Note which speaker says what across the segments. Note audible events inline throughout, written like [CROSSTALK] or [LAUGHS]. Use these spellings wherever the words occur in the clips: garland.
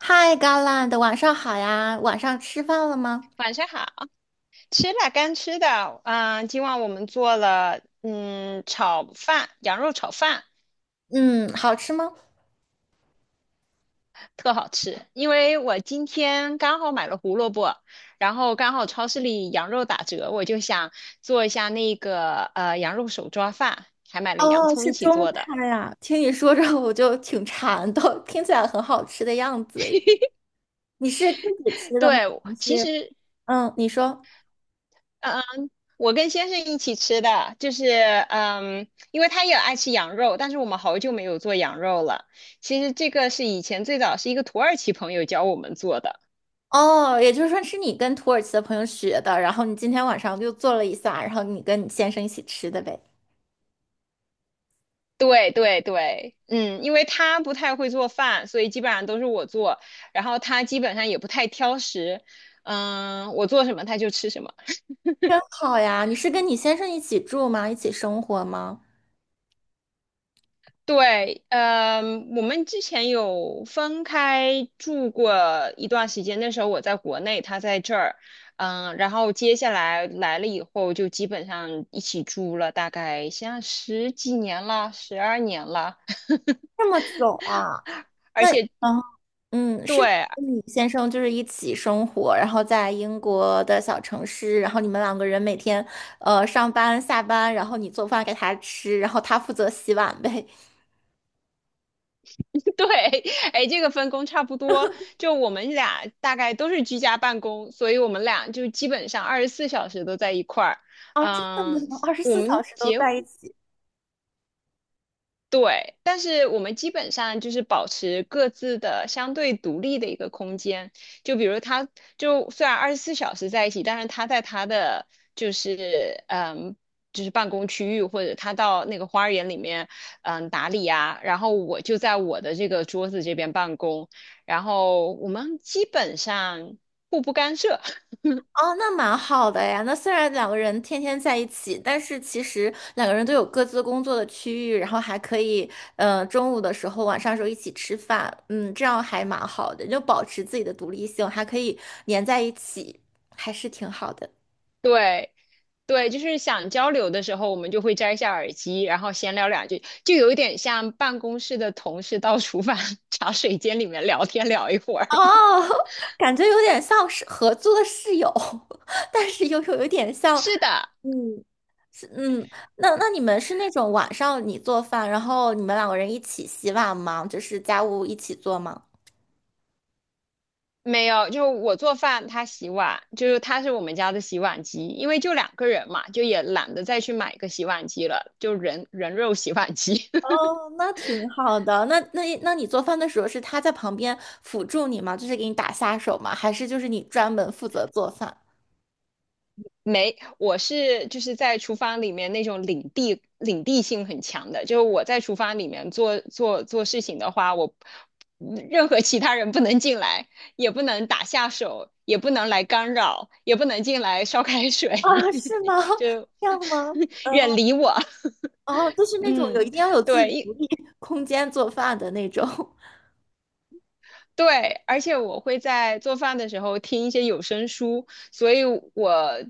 Speaker 1: 嗨 g a r l a d 晚上好呀！晚上吃饭了吗？
Speaker 2: 晚上好，吃了刚吃的，今晚我们做了炒饭，羊肉炒饭，
Speaker 1: 嗯，好吃吗？
Speaker 2: 特好吃。因为我今天刚好买了胡萝卜，然后刚好超市里羊肉打折，我就想做一下那个羊肉手抓饭，还买了洋
Speaker 1: 哦，
Speaker 2: 葱
Speaker 1: 是
Speaker 2: 一起
Speaker 1: 中
Speaker 2: 做的。
Speaker 1: 餐呀。听你说着我就挺馋的，听起来很好吃的样子耶。你是自己吃的吗？
Speaker 2: 对，
Speaker 1: 还
Speaker 2: 其
Speaker 1: 是
Speaker 2: 实
Speaker 1: 你说。
Speaker 2: 嗯，我跟先生一起吃的，就是因为他也爱吃羊肉，但是我们好久没有做羊肉了。其实这个是以前最早是一个土耳其朋友教我们做的。
Speaker 1: 哦，也就是说是你跟土耳其的朋友学的，然后你今天晚上就做了一下，然后你跟你先生一起吃的呗。
Speaker 2: 对对对，因为他不太会做饭，所以基本上都是我做，然后他基本上也不太挑食，我做什么他就吃什么。
Speaker 1: 好呀，你是跟你先生一起住吗？一起生活吗？
Speaker 2: 对，我们之前有分开住过一段时间，那时候我在国内，他在这儿，然后接下来来了以后，就基本上一起住了，大概像十几年了，12年了，
Speaker 1: 这么久啊？
Speaker 2: [LAUGHS] 而
Speaker 1: 那。
Speaker 2: 且
Speaker 1: 嗯。嗯，是你
Speaker 2: 对 [LAUGHS]
Speaker 1: 跟你先生就是一起生活，然后在英国的小城市，然后你们两个人每天上班下班，然后你做饭给他吃，然后他负责洗碗呗。[LAUGHS]
Speaker 2: 对，哎，这个分工差不多，就我们俩大概都是居家办公，所以我们俩就基本上二十四小时都在一块儿。
Speaker 1: 哦，真的
Speaker 2: 嗯，
Speaker 1: 吗？二十
Speaker 2: 我
Speaker 1: 四小
Speaker 2: 们
Speaker 1: 时都
Speaker 2: 结
Speaker 1: 在一起？
Speaker 2: 对，但是我们基本上就是保持各自的相对独立的一个空间。就比如他，就虽然二十四小时在一起，但是他在他的就是嗯，就是办公区域或者他到那个花园里面打理啊，然后我就在我的这个桌子这边办公，然后我们基本上互不干涉。[LAUGHS]
Speaker 1: 哦，那蛮好的呀。那虽然两个人天天在一起，但是其实两个人都有各自工作的区域，然后还可以中午的时候、晚上的时候一起吃饭，嗯，这样还蛮好的，就保持自己的独立性，还可以粘在一起，还是挺好的。
Speaker 2: 对，对，就是想交流的时候，我们就会摘下耳机，然后闲聊两句，就有一点像办公室的同事到厨房 [LAUGHS] 茶水间里面聊天聊一会儿。
Speaker 1: 哦，[LAUGHS] 感觉有点像是合租的室友，[LAUGHS] 但是又有点
Speaker 2: [LAUGHS]
Speaker 1: 像。
Speaker 2: 是的，
Speaker 1: 嗯，是。嗯，那你们是那种晚上你做饭，然后你们两个人一起洗碗吗？就是家务一起做吗？
Speaker 2: 没有，就我做饭，他洗碗，就是他是我们家的洗碗机，因为就两个人嘛，就也懒得再去买个洗碗机了，就人肉洗碗机。[LAUGHS]
Speaker 1: 哦，那挺好的。那你做饭的时候是他在旁边辅助你吗？就是给你打下手吗？还是就是你专门负责做饭？[LAUGHS]
Speaker 2: 没，我是就是在厨房里面那种领地性很强的，就是我在厨房里面做事情的话，我任何其他人不能进来，也不能打下手，也不能来干扰，也不能进来烧开水，
Speaker 1: 啊，是吗？
Speaker 2: [LAUGHS]
Speaker 1: [LAUGHS]
Speaker 2: 就
Speaker 1: 这样吗？
Speaker 2: [LAUGHS]
Speaker 1: 嗯。
Speaker 2: 远离我。
Speaker 1: 哦，
Speaker 2: [LAUGHS]
Speaker 1: 就是那种有一
Speaker 2: 嗯，
Speaker 1: 定要有自己独
Speaker 2: 对，
Speaker 1: 立 [LAUGHS] 空间做饭的那种。
Speaker 2: 对，而且我会在做饭的时候听一些有声书，所以我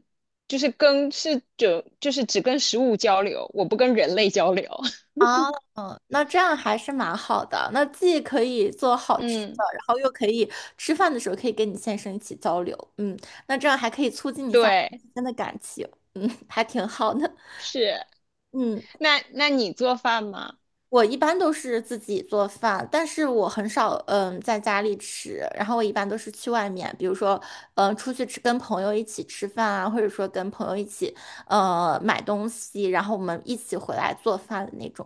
Speaker 2: 就是跟是就就是只跟食物交流，我不跟人类交流。[LAUGHS]
Speaker 1: 啊，嗯，那这样还是蛮好的。那既可以做好吃
Speaker 2: 嗯，
Speaker 1: 的，然后又可以吃饭的时候可以跟你先生一起交流。嗯，那这样还可以促进一下你们
Speaker 2: 对，
Speaker 1: 之间的感情。嗯，还挺好的。
Speaker 2: 是。
Speaker 1: 嗯，
Speaker 2: 那你做饭吗？
Speaker 1: 我一般都是自己做饭，但是我很少在家里吃，然后我一般都是去外面，比如说出去吃，跟朋友一起吃饭啊，或者说跟朋友一起买东西，然后我们一起回来做饭的那种。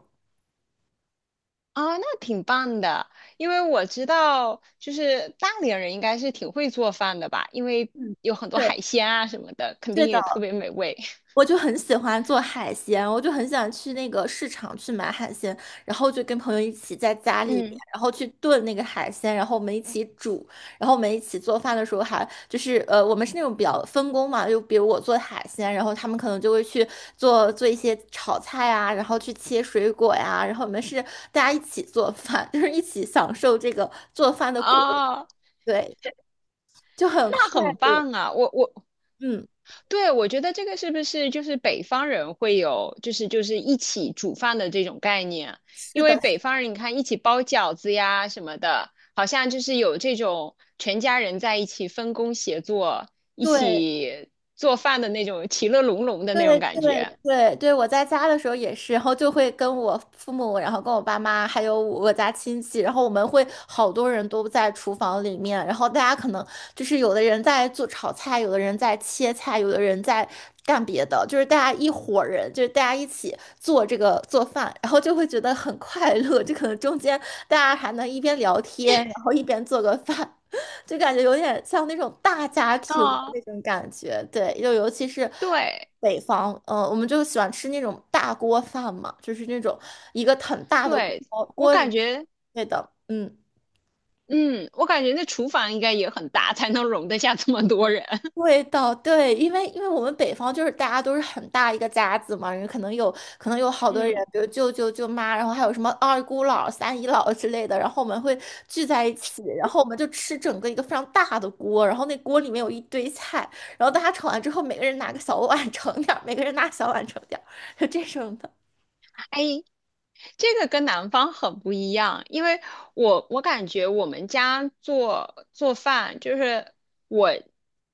Speaker 2: 啊，那挺棒的，因为我知道就是大连人应该是挺会做饭的吧，因为
Speaker 1: 嗯，
Speaker 2: 有很多
Speaker 1: 对。
Speaker 2: 海鲜啊什么的，肯
Speaker 1: 对
Speaker 2: 定
Speaker 1: 的。
Speaker 2: 也特别美味。[LAUGHS]
Speaker 1: 我就很喜欢做海鲜，我就很想去那个市场去买海鲜，然后就跟朋友一起在家里面，
Speaker 2: 嗯，
Speaker 1: 然后去炖那个海鲜，然后我们一起煮，然后我们一起做饭的时候还就是我们是那种比较分工嘛，就比如我做海鲜，然后他们可能就会去做一些炒菜啊，然后去切水果呀，然后我们是大家一起做饭，[LAUGHS] 就是一起享受这个做饭的过程，
Speaker 2: 哦，
Speaker 1: 对，就很快
Speaker 2: 那很
Speaker 1: 乐。
Speaker 2: 棒啊！
Speaker 1: 嗯，
Speaker 2: 对，我觉得这个是不是就是北方人会有，就是一起煮饭的这种概念？
Speaker 1: 是
Speaker 2: 因
Speaker 1: 的，
Speaker 2: 为北方人你看一起包饺子呀什么的，好像就是有这种全家人在一起分工协作、一
Speaker 1: 对。
Speaker 2: 起做饭的那种其乐融融的那种
Speaker 1: 对
Speaker 2: 感觉。
Speaker 1: 对对对，我在家的时候也是，然后就会跟我父母，然后跟我爸妈，还有我家亲戚，然后我们会好多人都在厨房里面，然后大家可能就是有的人在做炒菜，有的人在切菜，有的人在干别的，就是大家一伙儿人，就是大家一起做这个做饭，然后就会觉得很快乐，就可能中间大家还能一边聊天，然后一边做个饭。[LAUGHS] 就感觉有点像那种大家庭的
Speaker 2: 啊，
Speaker 1: 那种感觉，对，就尤其是
Speaker 2: 对
Speaker 1: 北方，我们就喜欢吃那种大锅饭嘛，就是那种一个很大的
Speaker 2: 对，
Speaker 1: 锅
Speaker 2: 我
Speaker 1: 锅里。
Speaker 2: 感觉，
Speaker 1: 对的，嗯，
Speaker 2: 嗯，我感觉那厨房应该也很大，才能容得下这么多人。[LAUGHS]
Speaker 1: 味道对，因为我们北方就是大家都是很大一个家子嘛，人可能有好多人，
Speaker 2: 嗯。
Speaker 1: 比如舅舅舅妈，然后还有什么二姑姥、三姨姥之类的，然后我们会聚在一起，然后我们就吃整个一个非常大的锅，然后那锅里面有一堆菜，然后大家盛完之后，每个人拿个小碗 [LAUGHS] 盛点儿，每个人拿小碗盛点儿，就这种的。
Speaker 2: 哎，这个跟南方很不一样，因为我感觉我们家做饭，就是我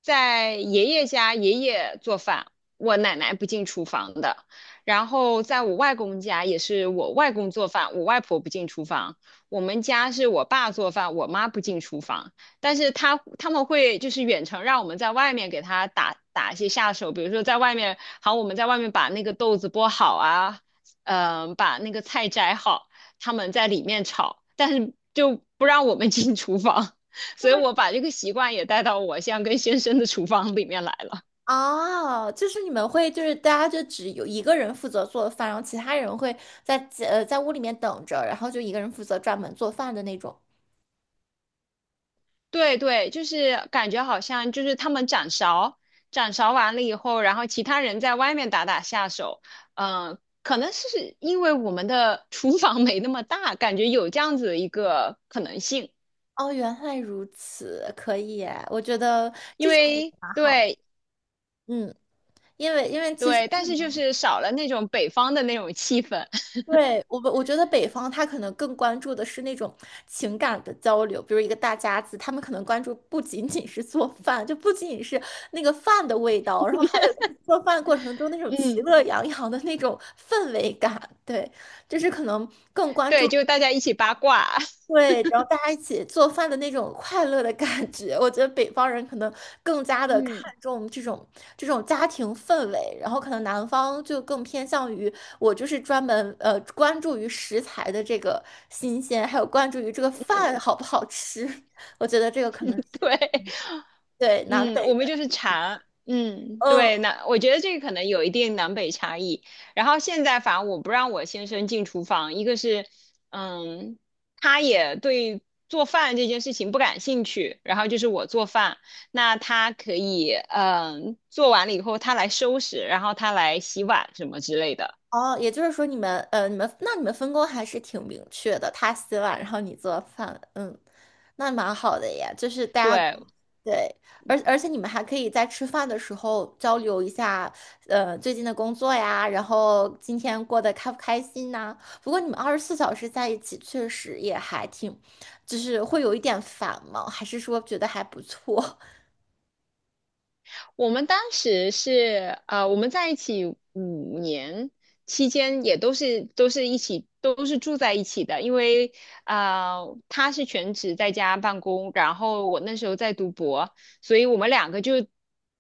Speaker 2: 在爷爷家，爷爷做饭，我奶奶不进厨房的，然后在我外公家也是我外公做饭，我外婆不进厨房，我们家是我爸做饭，我妈不进厨房，但是他们会就是远程让我们在外面给他打一些下手，比如说在外面，好，我们在外面把那个豆子剥好啊。把那个菜摘好，他们在里面炒，但是就不让我们 [LAUGHS] 进厨房，[LAUGHS] 所以我把这个习惯也带到我现在跟先生的厨房里面来了。
Speaker 1: 哦，就是你们会，就是大家就只有一个人负责做饭，然后其他人会在在屋里面等着，然后就一个人负责专门做饭的那种。
Speaker 2: [LAUGHS] 对对，就是感觉好像就是他们掌勺，掌勺完了以后，然后其他人在外面打打下手，可能是因为我们的 [LAUGHS] 厨房没那么大，感觉有这样子的一个可能性，
Speaker 1: 哦，原来如此，可以耶我觉得这种也蛮好。
Speaker 2: 对
Speaker 1: 嗯，因为其实
Speaker 2: 对，但是就是少了那种北方的那种气氛，
Speaker 1: 对，我觉得北方他可能更关注的是那种情感的交流，比如一个大家子，他们可能关注不仅仅是做饭，就不仅仅是那个饭的味道，然后还有就是做饭过程中那
Speaker 2: [LAUGHS]
Speaker 1: 种其
Speaker 2: 嗯。
Speaker 1: 乐洋洋的那种氛围感，对，就是可能更关
Speaker 2: 对，
Speaker 1: 注。
Speaker 2: 就大家一起八卦，
Speaker 1: 对，然后大家一起做饭的那种快乐的感觉，我觉得北方人可能更加
Speaker 2: [LAUGHS]
Speaker 1: 的看
Speaker 2: 嗯，
Speaker 1: 重这种家庭氛围，然后可能南方就更偏向于我就是专门关注于食材的这个新鲜，还有关注于这个饭好不好吃，[LAUGHS] 我觉得这个可能是
Speaker 2: 对，
Speaker 1: 对南
Speaker 2: 嗯，
Speaker 1: 北
Speaker 2: 我们
Speaker 1: 的，
Speaker 2: 就是茶，嗯，对，
Speaker 1: 嗯。
Speaker 2: 那我觉得这个可能有一定南北差异。然后现在反正我不让我先生进厨房，一个是，嗯，他也对做饭这件事情不感兴趣，然后就是我做饭，那他可以，做完了以后他来收拾，然后他来洗碗什么之类的。
Speaker 1: 哦，也就是说你们你们那你们分工还是挺明确的，他洗碗，然后你做饭，嗯，那蛮好的呀。就是大家
Speaker 2: 对，
Speaker 1: 对，而且你们还可以在吃饭的时候交流一下，最近的工作呀，然后今天过得开不开心呐、不过你们二十四小时在一起，确实也还挺，就是会有一点烦吗？还是说觉得还不错？
Speaker 2: 我们当时是呃，我们在一起五年期间，也都是住在一起的，因为他是全职在家办公，然后我那时候在读博，所以我们两个就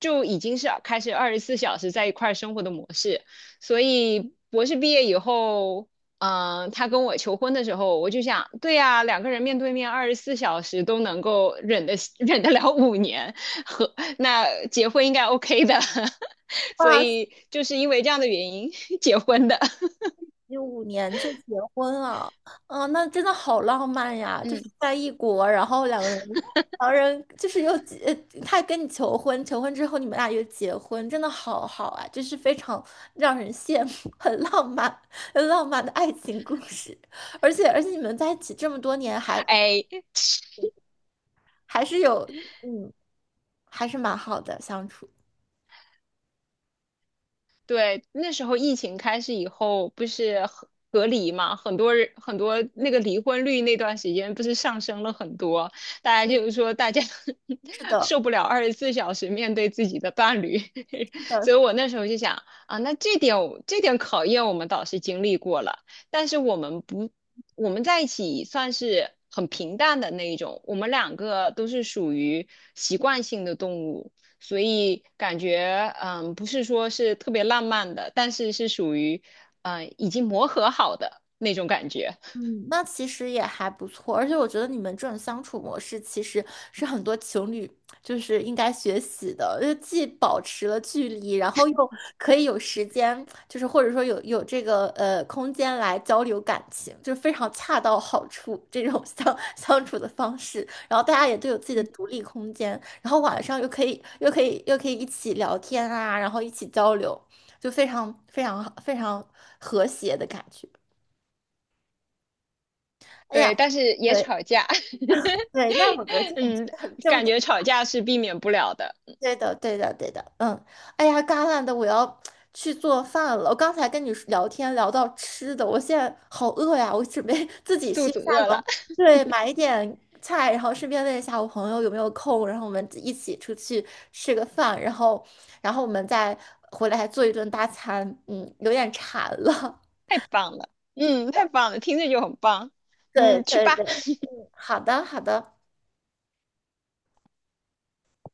Speaker 2: 就已经是开始二十四小时在一块儿生活的模式，所以博士毕业以后。他跟我求婚的时候，我就想，对呀，两个人面对面二十四小时都能够忍得 [LAUGHS] 忍得了5年，和那结婚应该 OK 的，[LAUGHS]
Speaker 1: [LAUGHS]
Speaker 2: 所
Speaker 1: 哇，
Speaker 2: 以就是因为这样的原因 [LAUGHS] 结婚的。
Speaker 1: 2015年就结婚了，啊，那真的好浪漫呀！就是
Speaker 2: 嗯，
Speaker 1: 在异国，然后两个人就是又结，他跟你求婚，求婚之后你们俩又结婚，真的好好啊！就是非常让人羡慕，很浪漫，很浪漫的爱情故事。而且你们在一起这么多年还，
Speaker 2: 哎，[LAUGHS]
Speaker 1: 还是有，嗯，还是蛮好的相处。
Speaker 2: 对，那时候疫情开始以后，不是隔离嘛，很多人很多那个离婚率那段时间不是上升了很多，大家就是说大家
Speaker 1: 是
Speaker 2: [LAUGHS]
Speaker 1: 的，
Speaker 2: 受不了24小时面对自己的伴侣，
Speaker 1: 是
Speaker 2: [LAUGHS]
Speaker 1: 的，
Speaker 2: 所以我那时候就想啊，那这点我这点考验我们倒是经历过了，但是我们不我们在一起算是很平淡的那一种，我们两个都是属于习惯性的动物。所以感觉不是说是特别浪漫的，但是是属于已经磨合好的那种感觉。
Speaker 1: 嗯，那其实也还不错，而且我觉得你们这种相处模式其实是很多情侣就是应该学习的，就既保持了距离，然后又可以有时间，就是或者说有这个空间来交流感情，就非常恰到好处这种相 [LAUGHS] 相处的方式。然后大家也都有自己的
Speaker 2: 嗯，
Speaker 1: 独
Speaker 2: [LAUGHS]
Speaker 1: 立空间，然后晚上又可以一起聊天啊，然后一起交流，就非常非常非常和谐的感觉。哎呀。
Speaker 2: 对，但是也吵
Speaker 1: 对。
Speaker 2: 架，
Speaker 1: 对，那我觉得
Speaker 2: [LAUGHS]
Speaker 1: 这种是
Speaker 2: 嗯，
Speaker 1: 很正
Speaker 2: 感
Speaker 1: 常。
Speaker 2: 觉吵架是避免不了的。
Speaker 1: 对的，对的，对的，嗯，哎呀，嘎烂的，我要去做饭了。我刚才跟你说聊天聊到吃的，我现在好饿呀，我准备 [LAUGHS] 自己
Speaker 2: 肚
Speaker 1: 去
Speaker 2: 子
Speaker 1: 下
Speaker 2: 饿
Speaker 1: 楼，
Speaker 2: 了，
Speaker 1: 对，买一点菜，然后顺便问一下我朋友有没有空，然后我们一起出去吃个饭，然后我们再回来做一顿大餐。嗯，有点馋了。
Speaker 2: [LAUGHS] 太棒了，嗯，太
Speaker 1: [LAUGHS]
Speaker 2: 棒了，听着就很棒，
Speaker 1: 对
Speaker 2: 去
Speaker 1: 对
Speaker 2: 吧。
Speaker 1: 对，嗯，好的好的。